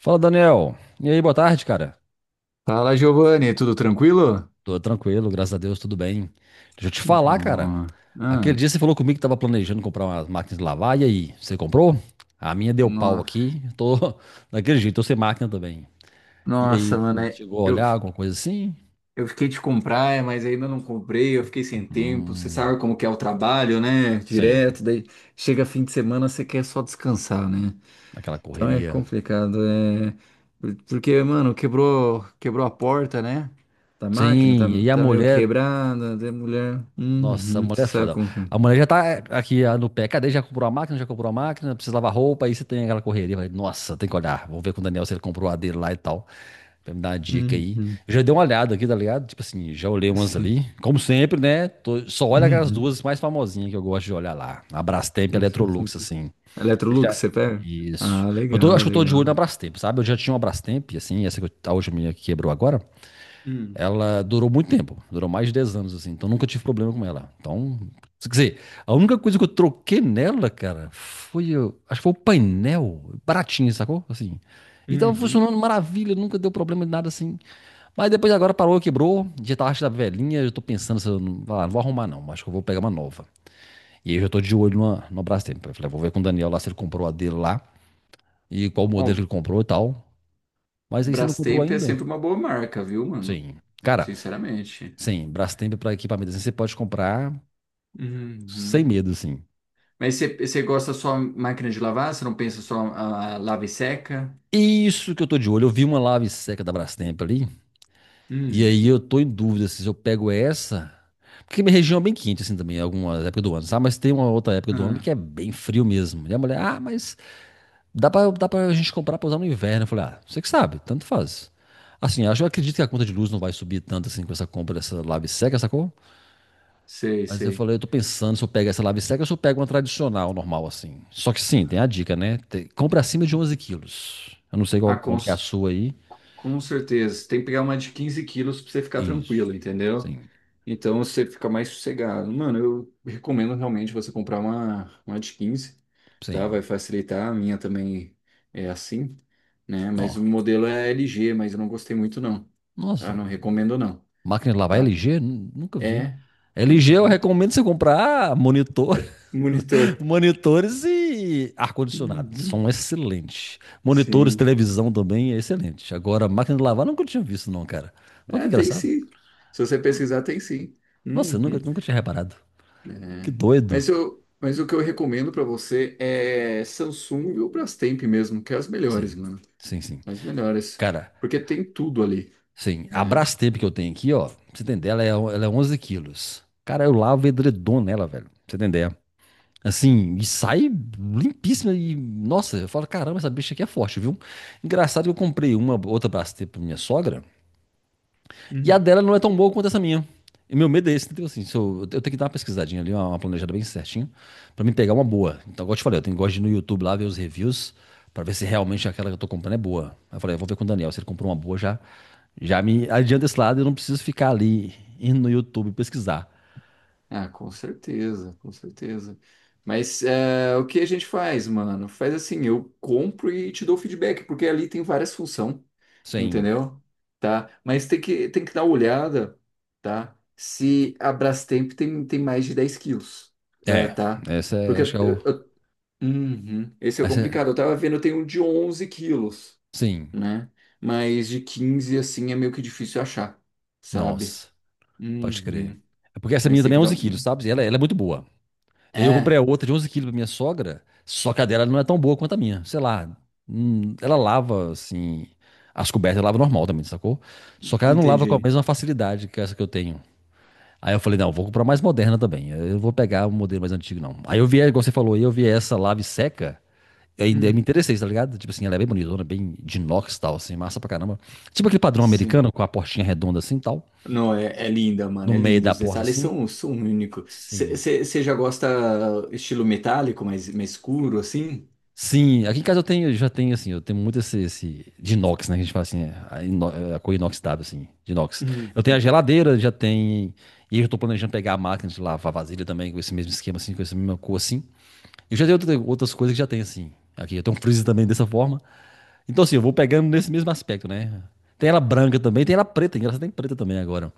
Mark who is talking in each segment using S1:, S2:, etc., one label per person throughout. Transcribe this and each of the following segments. S1: Fala, Daniel. E aí, boa tarde, cara.
S2: Fala, Giovanni, tudo tranquilo?
S1: Tô tranquilo, graças a Deus, tudo bem. Deixa eu te
S2: Que
S1: falar, cara.
S2: bom.
S1: Aquele
S2: Ah,
S1: dia você falou comigo que tava planejando comprar umas máquinas de lavar, e aí, você comprou? A minha deu pau
S2: no-
S1: aqui, tô daquele jeito, tô sem máquina também. E
S2: nossa,
S1: aí,
S2: mano,
S1: você chegou a
S2: eu,
S1: olhar alguma coisa assim?
S2: eu fiquei de comprar, mas ainda não comprei, eu fiquei sem tempo. Você
S1: Hum,
S2: sabe como que é o trabalho, né?
S1: sim,
S2: Direto, daí chega fim de semana, você quer só descansar, né?
S1: naquela
S2: Então é
S1: correria.
S2: complicado, porque, mano, quebrou a porta, né? Da máquina, tá,
S1: Sim, e a
S2: tá meio
S1: mulher,
S2: quebrada, da mulher...
S1: nossa, a
S2: Uhum, você
S1: mulher é
S2: sabe
S1: foda.
S2: como...
S1: A
S2: é.
S1: mulher já tá aqui ah, no pé, cadê? Já comprou a máquina, já comprou a máquina, precisa lavar roupa, aí você tem aquela correria. Eu falei, nossa, tem que olhar, vou ver com o Daniel se ele comprou a dele lá e tal. Pra me dar uma dica aí.
S2: Uhum,
S1: Eu já dei uma olhada aqui, tá ligado? Tipo assim, já olhei umas
S2: sim.
S1: ali. Como sempre, né? Só olha aquelas
S2: Uhum.
S1: duas mais famosinhas que eu gosto de olhar lá. A Brastemp e a
S2: Um
S1: Electrolux,
S2: 1,70.
S1: assim. Você
S2: Electrolux,
S1: já...
S2: você pega?
S1: Isso.
S2: Ah, legal,
S1: Acho que eu tô de olho na
S2: legal.
S1: Brastemp, sabe? Eu já tinha uma Brastemp, assim, a última minha que quebrou agora.
S2: Hum.
S1: Ela durou muito tempo, durou mais de 10 anos, assim, então nunca tive problema com ela. Então, quer dizer, a única coisa que eu troquei nela, cara, foi, acho que foi o painel, baratinho, sacou? Assim, e tava
S2: Uhum.
S1: funcionando maravilha, nunca deu problema de nada assim. Mas depois agora parou, quebrou, já tá acho da velhinha, eu tô pensando se eu não, ah, não vou arrumar não, acho que eu vou pegar uma nova. E aí eu já tô de olho numa Brastemp. Eu falei, "Ah, vou ver com o Daniel lá se ele comprou a dele lá e qual modelo
S2: Ó,
S1: ele comprou e tal." Mas aí você não comprou
S2: Brastemp é
S1: ainda?
S2: sempre uma boa marca, viu, mano?
S1: Sim. Cara,
S2: Sinceramente.
S1: sim, Brastemp para equipamentos assim, você pode comprar sem
S2: Uhum.
S1: medo, assim.
S2: Mas você gosta só máquina de lavar? Você não pensa só a lava e seca?
S1: Isso que eu tô de olho. Eu vi uma lave seca da Brastemp ali, e
S2: Hum.
S1: aí eu tô em dúvida assim, se eu pego essa. Porque minha região é bem quente, assim, também, em algumas épocas do ano, sabe? Mas tem uma outra época do ano
S2: Ah,
S1: que é bem frio mesmo. E a mulher, ah, mas dá pra gente comprar pra usar no inverno. Eu falei, ah, você que sabe, tanto faz. Assim, acho, eu acredito que a conta de luz não vai subir tanto assim com essa compra dessa lave seca, sacou?
S2: sei,
S1: Mas eu
S2: sei.
S1: falei, eu tô pensando se eu pego essa lave seca ou se eu pego uma tradicional, normal, assim. Só que sim, tem a dica, né? Compra acima de 11 quilos. Eu não sei
S2: Ah,
S1: qual, quanto que é a sua aí.
S2: com certeza. Tem que pegar uma de 15 quilos pra você ficar
S1: Isso.
S2: tranquilo, entendeu?
S1: Sim,
S2: Então você fica mais sossegado. Mano, eu recomendo realmente você comprar uma de quinze, tá? Vai
S1: sim.
S2: facilitar. A minha também é assim, né? Mas o
S1: Ó.
S2: modelo é LG, mas eu não gostei muito, não. Tá?
S1: Nossa,
S2: Não recomendo, não,
S1: máquina de lavar
S2: tá?
S1: LG? Nunca vi.
S2: É.
S1: LG eu
S2: Uhum.
S1: recomendo você comprar monitor,
S2: É monitor.
S1: monitores e ar-condicionado.
S2: Uhum.
S1: São excelentes. Monitores,
S2: Sim.
S1: televisão também é excelente. Agora, máquina de lavar nunca tinha visto, não, cara. Olha que
S2: É, tem
S1: engraçado.
S2: sim. Se você
S1: Ó,
S2: pesquisar, tem sim.
S1: nossa, eu nunca,
S2: Uhum.
S1: nunca tinha reparado. Que
S2: É.
S1: doido.
S2: Mas o que eu recomendo pra você é Samsung ou Brastemp mesmo, que é as melhores,
S1: Sim,
S2: mano.
S1: sim, sim.
S2: As melhores.
S1: Cara,
S2: Porque tem tudo ali,
S1: sim. A
S2: né?
S1: Brastemp que eu tenho aqui, ó, pra você entender, ela é 11 quilos. Cara, eu lavo edredom nela, velho. Pra você entender. Assim, e sai limpíssima. E, nossa, eu falo, caramba, essa bicha aqui é forte, viu? Engraçado que eu comprei uma outra Brastemp pra minha sogra. E a
S2: Uhum.
S1: dela não é tão boa quanto essa minha. E meu medo é esse, entendeu? Assim, se eu, eu tenho que dar uma pesquisadinha ali, uma planejada bem certinho, pra me pegar uma boa. Então, igual eu te falei, eu tenho, gosto de ir no YouTube lá ver os reviews, pra ver se realmente aquela que eu tô comprando é boa. Aí eu falei, eu vou ver com o Daniel, se ele comprou uma boa, já, já me adianta esse lado, eu não preciso ficar ali indo no YouTube pesquisar.
S2: Ah, com certeza, com certeza. Mas o que a gente faz, mano? Faz assim, eu compro e te dou feedback, porque ali tem várias funções,
S1: Sim.
S2: entendeu? Tá? Mas tem que dar uma olhada, tá? Se a Brastemp tem mais de 10 quilos,
S1: É,
S2: tá?
S1: essa é,
S2: Porque
S1: acho que é o.
S2: uhum, esse é o
S1: Essa é,
S2: complicado. Eu tava vendo, tem um de 11 quilos,
S1: sim.
S2: né? Mas de 15 assim, é meio que difícil achar, sabe?
S1: Nossa, pode crer.
S2: Uhum.
S1: É porque essa
S2: Mas
S1: minha
S2: tem
S1: também
S2: que
S1: é
S2: dar
S1: 11 quilos,
S2: uma.
S1: sabe? E ela é muito boa. Aí eu
S2: É,
S1: comprei a outra de 11 quilos pra minha sogra, só que a dela não é tão boa quanto a minha, sei lá. Ela lava, assim, as cobertas, ela lava normal também, sacou? Só que ela não lava com a
S2: entendi.
S1: mesma facilidade que essa que eu tenho. Aí eu falei, não, vou comprar mais moderna também. Eu não vou pegar um modelo mais antigo, não. Aí eu vi, igual você falou, aí eu vi essa lave seca, e ainda me
S2: Hum,
S1: interessei, tá ligado? Tipo assim, ela é bem bonitona, bem de inox e tal, assim, massa pra caramba. Tipo aquele padrão
S2: sim.
S1: americano, com a portinha redonda assim e tal,
S2: Não, é linda, mano.
S1: no
S2: É
S1: meio
S2: linda.
S1: da
S2: Os
S1: porta
S2: detalhes
S1: assim.
S2: são únicos.
S1: Sim.
S2: Você já gosta estilo metálico, mais escuro, assim?
S1: Sim, aqui em casa eu tenho, eu já tenho assim, eu tenho muito esse, esse de inox, né? Que a gente fala assim, é, a cor inoxidável, assim, de inox. Eu tenho a
S2: Uhum.
S1: geladeira, já tem. E eu já tô planejando pegar a máquina de lavar vasilha também, com esse mesmo esquema, assim, com essa mesma cor, assim. Eu já tenho outras coisas que já tem, assim. Aqui, eu tenho um freezer também dessa forma. Então, assim, eu vou pegando nesse mesmo aspecto, né? Tem ela branca também, tem ela preta, engraçado, tem preta também agora.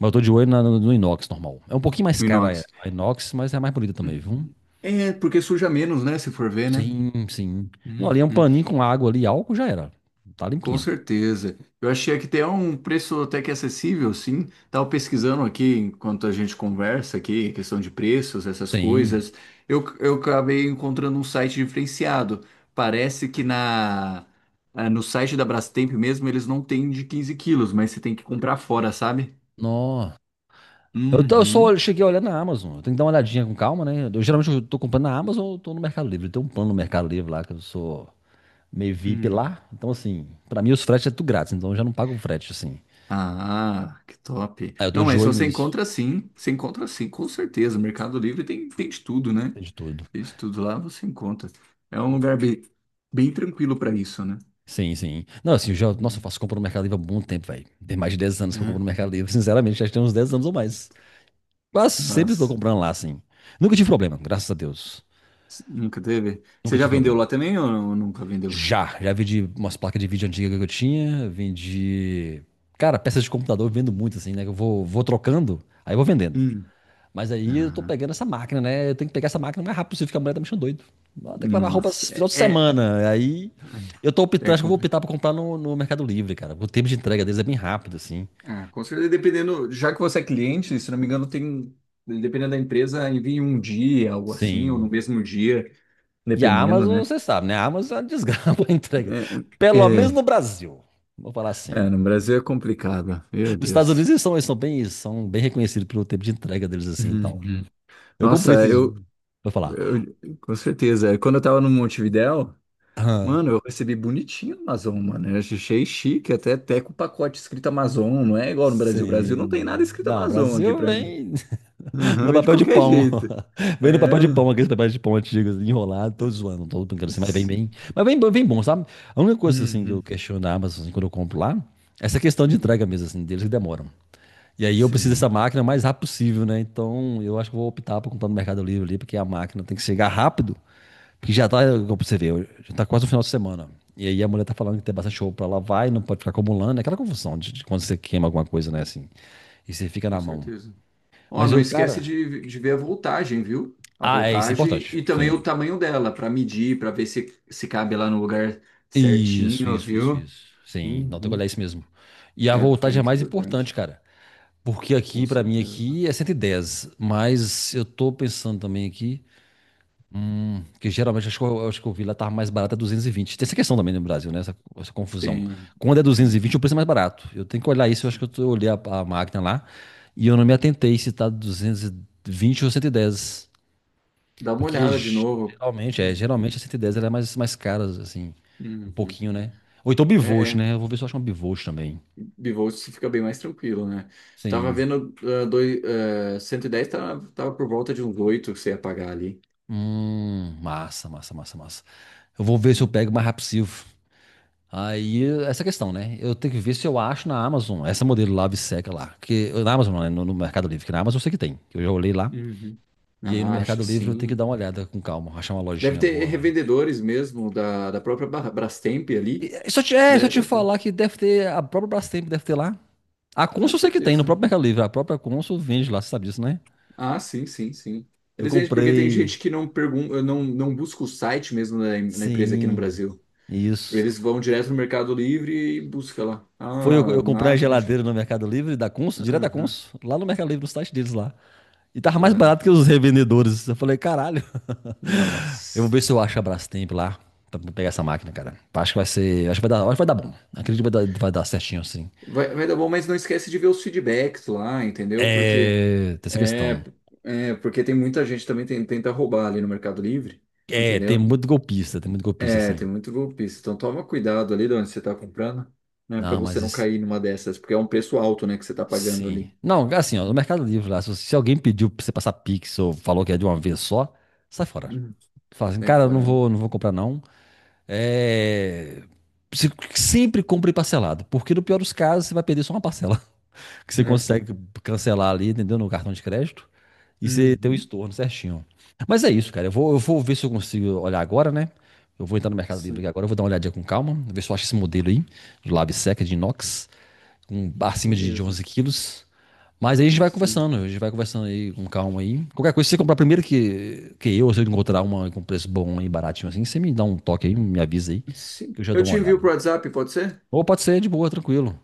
S1: Mas eu tô de olho no inox normal. É um pouquinho mais
S2: O
S1: cara
S2: inox.
S1: a inox, mas é mais bonita também,
S2: Uhum.
S1: viu?
S2: É, porque suja menos, né? Se for ver, né?
S1: Sim, sim. Não, ali é um
S2: Uhum.
S1: paninho com água ali, álcool já era. Tá
S2: Com
S1: limpinha.
S2: certeza. Eu achei que tem um preço até que acessível, sim. Estava pesquisando aqui enquanto a gente conversa aqui, questão de preços, essas
S1: Sim.
S2: coisas. Eu acabei encontrando um site diferenciado. Parece que no site da Brastemp mesmo eles não têm de 15 quilos, mas você tem que comprar fora, sabe?
S1: Nó. Eu só
S2: Uhum.
S1: cheguei a olhar na Amazon. Eu tenho que dar uma olhadinha com calma, né? Eu, geralmente eu tô comprando na Amazon ou tô no Mercado Livre. Tem um plano no Mercado Livre lá que eu sou meio VIP
S2: Hum.
S1: lá. Então, assim, pra mim os fretes é tudo grátis, então eu já não pago o frete, assim.
S2: Ah, que top.
S1: Aí eu tô
S2: Não,
S1: de
S2: mas
S1: olho nisso,
S2: você encontra sim, com certeza. O Mercado Livre tem de tudo, né?
S1: tem de tudo.
S2: Tem de tudo lá, você encontra. É um lugar bem tranquilo para isso, né?
S1: Sim, sim. Não, assim, eu já, nossa, eu
S2: Hum.
S1: faço compra no Mercado Livre há muito tempo, velho. Tem mais de 10 anos que eu compro
S2: É.
S1: no Mercado Livre, sinceramente, já tem uns 10 anos ou mais. Quase sempre tô
S2: Nossa,
S1: comprando lá, assim. Nunca tive problema, graças a Deus.
S2: nunca teve? Você
S1: Nunca
S2: já
S1: tive
S2: vendeu
S1: problema.
S2: lá também ou nunca vendeu?
S1: Já, já vendi umas placas de vídeo antigas que eu tinha, vendi. Cara, peças de computador eu vendo muito, assim, né? Eu vou, vou trocando, aí eu vou vendendo.
S2: Hum.
S1: Mas aí eu tô
S2: Ah,
S1: pegando essa máquina, né? Eu tenho que pegar essa máquina o mais rápido possível, porque a mulher tá me deixando doido. Ela tem que lavar roupa
S2: nossa,
S1: esse final de
S2: é,
S1: semana. Aí eu tô
S2: é,
S1: optando,
S2: é
S1: acho que eu vou
S2: complicado.
S1: optar pra comprar no Mercado Livre, cara. O tempo de entrega deles é bem rápido, assim.
S2: Ah, com certeza, dependendo, já que você é cliente, se não me engano, tem, dependendo da empresa, envia em um dia, algo assim, ou no
S1: Sim.
S2: mesmo dia,
S1: E a
S2: dependendo,
S1: Amazon,
S2: né?
S1: você sabe, né? A Amazon é uma desgraça a entrega.
S2: É,
S1: Pelo
S2: é,
S1: menos no Brasil. Vou falar assim.
S2: é, no Brasil é complicado, meu
S1: Nos Estados Unidos
S2: Deus.
S1: eles são bem reconhecidos pelo tempo de entrega deles assim e tal.
S2: Uhum.
S1: Eu comprei
S2: Nossa,
S1: esses dias. Vou falar.
S2: com certeza. Quando eu tava no Montevidéu,
S1: Ah,
S2: mano, eu recebi bonitinho Amazon, mano. Eu achei chique, até com o pacote escrito Amazon, não é igual no Brasil. O Brasil não tem
S1: sim.
S2: nada escrito
S1: Não,
S2: Amazon aqui
S1: Brasil
S2: pra mim.
S1: vem
S2: Uhum,
S1: no
S2: vem de
S1: papel de
S2: qualquer
S1: pão.
S2: jeito.
S1: Vem no papel de pão,
S2: É.
S1: aqueles papéis de pão antigos, enrolado, todos zoando, todo brincando assim, mas vem bem. Mas vem, bem bom, sabe? A única coisa assim que eu
S2: Uhum.
S1: questiono na Amazon assim, quando eu compro lá, é essa questão de
S2: Uhum.
S1: entrega mesmo, assim, deles que demoram. E aí eu preciso
S2: Sim.
S1: dessa máquina o mais rápido possível, né? Então eu acho que eu vou optar por comprar no Mercado Livre ali, porque a máquina tem que chegar rápido. Que já tá, como você vê, já tá quase no final de semana. E aí a mulher tá falando que tem bastante show pra lá, vai, não pode ficar acumulando. É aquela confusão de quando você queima alguma coisa, né, assim. E você fica
S2: Com
S1: na mão.
S2: certeza. Ó,
S1: Mas
S2: não
S1: eu,
S2: esquece
S1: cara.
S2: de ver a voltagem, viu? A
S1: Ah, é, isso é
S2: voltagem
S1: importante.
S2: e também o
S1: Sim.
S2: tamanho dela, para medir, para ver se cabe lá no lugar
S1: Isso,
S2: certinho,
S1: isso, isso,
S2: viu?
S1: isso. Sim, não tem que
S2: Uhum.
S1: olhar isso mesmo. E a
S2: É, porque é
S1: voltagem é
S2: muito
S1: mais importante,
S2: importante,
S1: cara. Porque
S2: com
S1: aqui, pra mim,
S2: certeza.
S1: aqui é 110. Mas eu tô pensando também aqui. Que geralmente acho que eu vi lá tava mais barato é 220. Tem essa questão também no Brasil, né? Essa confusão.
S2: Tem,
S1: Quando é
S2: tem.
S1: 220, o preço é mais barato. Eu tenho que olhar isso, eu acho que eu,
S2: Sim.
S1: tô- eu olhei a máquina lá e eu não me atentei se tá 220 ou 110.
S2: Dá uma
S1: Porque
S2: olhada de novo.
S1: geralmente, é, geralmente
S2: Uhum.
S1: a 110 ela é mais, mais cara, assim, um
S2: Uhum.
S1: pouquinho, né? Ou então bivolt,
S2: É,
S1: né? Eu vou ver se eu acho uma bivolt também.
S2: bivolt você fica bem mais tranquilo, né? Tava
S1: Sim.
S2: vendo, 110 tava por volta de uns 8 que você ia pagar ali.
S1: Massa, massa, massa, massa. Eu vou ver se eu pego mais rápido possível. Aí, essa questão, né? Eu tenho que ver se eu acho na Amazon essa modelo lá, Biseca lá. Que, na Amazon, não, né? No Mercado Livre, que na Amazon eu sei que tem, que eu já olhei lá.
S2: Uhum.
S1: E aí no
S2: Ah, acho
S1: Mercado
S2: que
S1: Livre eu tenho que
S2: sim.
S1: dar uma olhada com calma, achar uma
S2: Deve
S1: lojinha
S2: ter
S1: boa lá.
S2: revendedores mesmo da própria Brastemp ali,
S1: Só
S2: né?
S1: te
S2: Deve ter.
S1: falar que deve ter, a própria Brastemp deve ter lá. A
S2: Com
S1: Consul eu sei que tem, no
S2: certeza.
S1: próprio Mercado Livre. A própria Consul vende lá, você sabe disso, né?
S2: Ah, sim, sim, sim.
S1: Eu
S2: Eles vendem porque tem
S1: comprei.
S2: gente que não pergunta, não, não busca o site mesmo na empresa aqui no
S1: Sim,
S2: Brasil.
S1: isso.
S2: Eles vão direto no Mercado Livre e busca lá. Ah,
S1: Eu comprei a
S2: máquina
S1: geladeira
S2: de.
S1: no Mercado Livre da Consul, direto da
S2: Aham.
S1: Consul, lá no Mercado Livre, no site deles lá. E tava
S2: Da
S1: mais
S2: hora.
S1: barato que os revendedores. Eu falei, caralho. Eu vou
S2: Nossa.
S1: ver se eu acho a Brastemp lá pra pegar essa máquina, cara. Acho que vai ser. Acho que vai dar, acho que vai dar bom. Acredito que vai dar certinho, assim.
S2: Vai dar bom, mas não esquece de ver os feedbacks lá, entendeu? Porque
S1: É. Tem essa
S2: é,
S1: questão.
S2: porque tem muita gente também tenta roubar ali no Mercado Livre,
S1: É,
S2: entendeu?
S1: tem muito golpista,
S2: É, tem
S1: assim.
S2: muito golpista. Então toma cuidado ali de onde você está comprando, né? Para
S1: Não, mas
S2: você não
S1: isso.
S2: cair numa dessas, porque é um preço alto, né, que você está pagando
S1: Sim.
S2: ali.
S1: Não, assim, ó, no Mercado Livre lá, se alguém pediu pra você passar Pix ou falou que é de uma vez só, sai fora.
S2: Uhum.
S1: Fala assim,
S2: Sai
S1: cara, eu não
S2: fora, né?
S1: vou, não vou comprar, não. É. Sempre compre parcelado, porque no pior dos casos você vai perder só uma parcela. Que você
S2: É.
S1: consegue cancelar ali, entendeu? No cartão de crédito. E você tem o
S2: Uhum.
S1: estorno certinho. Mas é isso, cara. Eu vou ver se eu consigo olhar agora, né? Eu vou entrar no Mercado Livre aqui
S2: Sim,
S1: agora, eu vou dar uma olhadinha com calma, ver se eu acho esse modelo aí, do Lab Seca de inox, com acima de
S2: beleza.
S1: 11 quilos. Mas aí a gente vai
S2: Sim.
S1: conversando, a gente vai conversando aí com calma aí. Qualquer coisa, se você comprar primeiro se eu encontrar uma com preço bom aí, baratinho assim, você me dá um toque aí, me avisa aí, que
S2: Sim.
S1: eu já
S2: Eu
S1: dou uma
S2: te
S1: olhada.
S2: envio pro WhatsApp, pode ser?
S1: Ou pode ser de boa, tranquilo.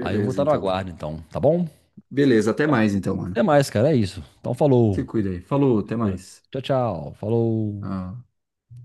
S1: Aí eu vou estar no
S2: então.
S1: aguardo então, tá bom?
S2: Beleza, até mais então, mano.
S1: Até mais, cara. É isso. Então,
S2: Se
S1: falou.
S2: cuida aí. Falou, até mais.
S1: Tchau, tchau. Falou.
S2: Ah.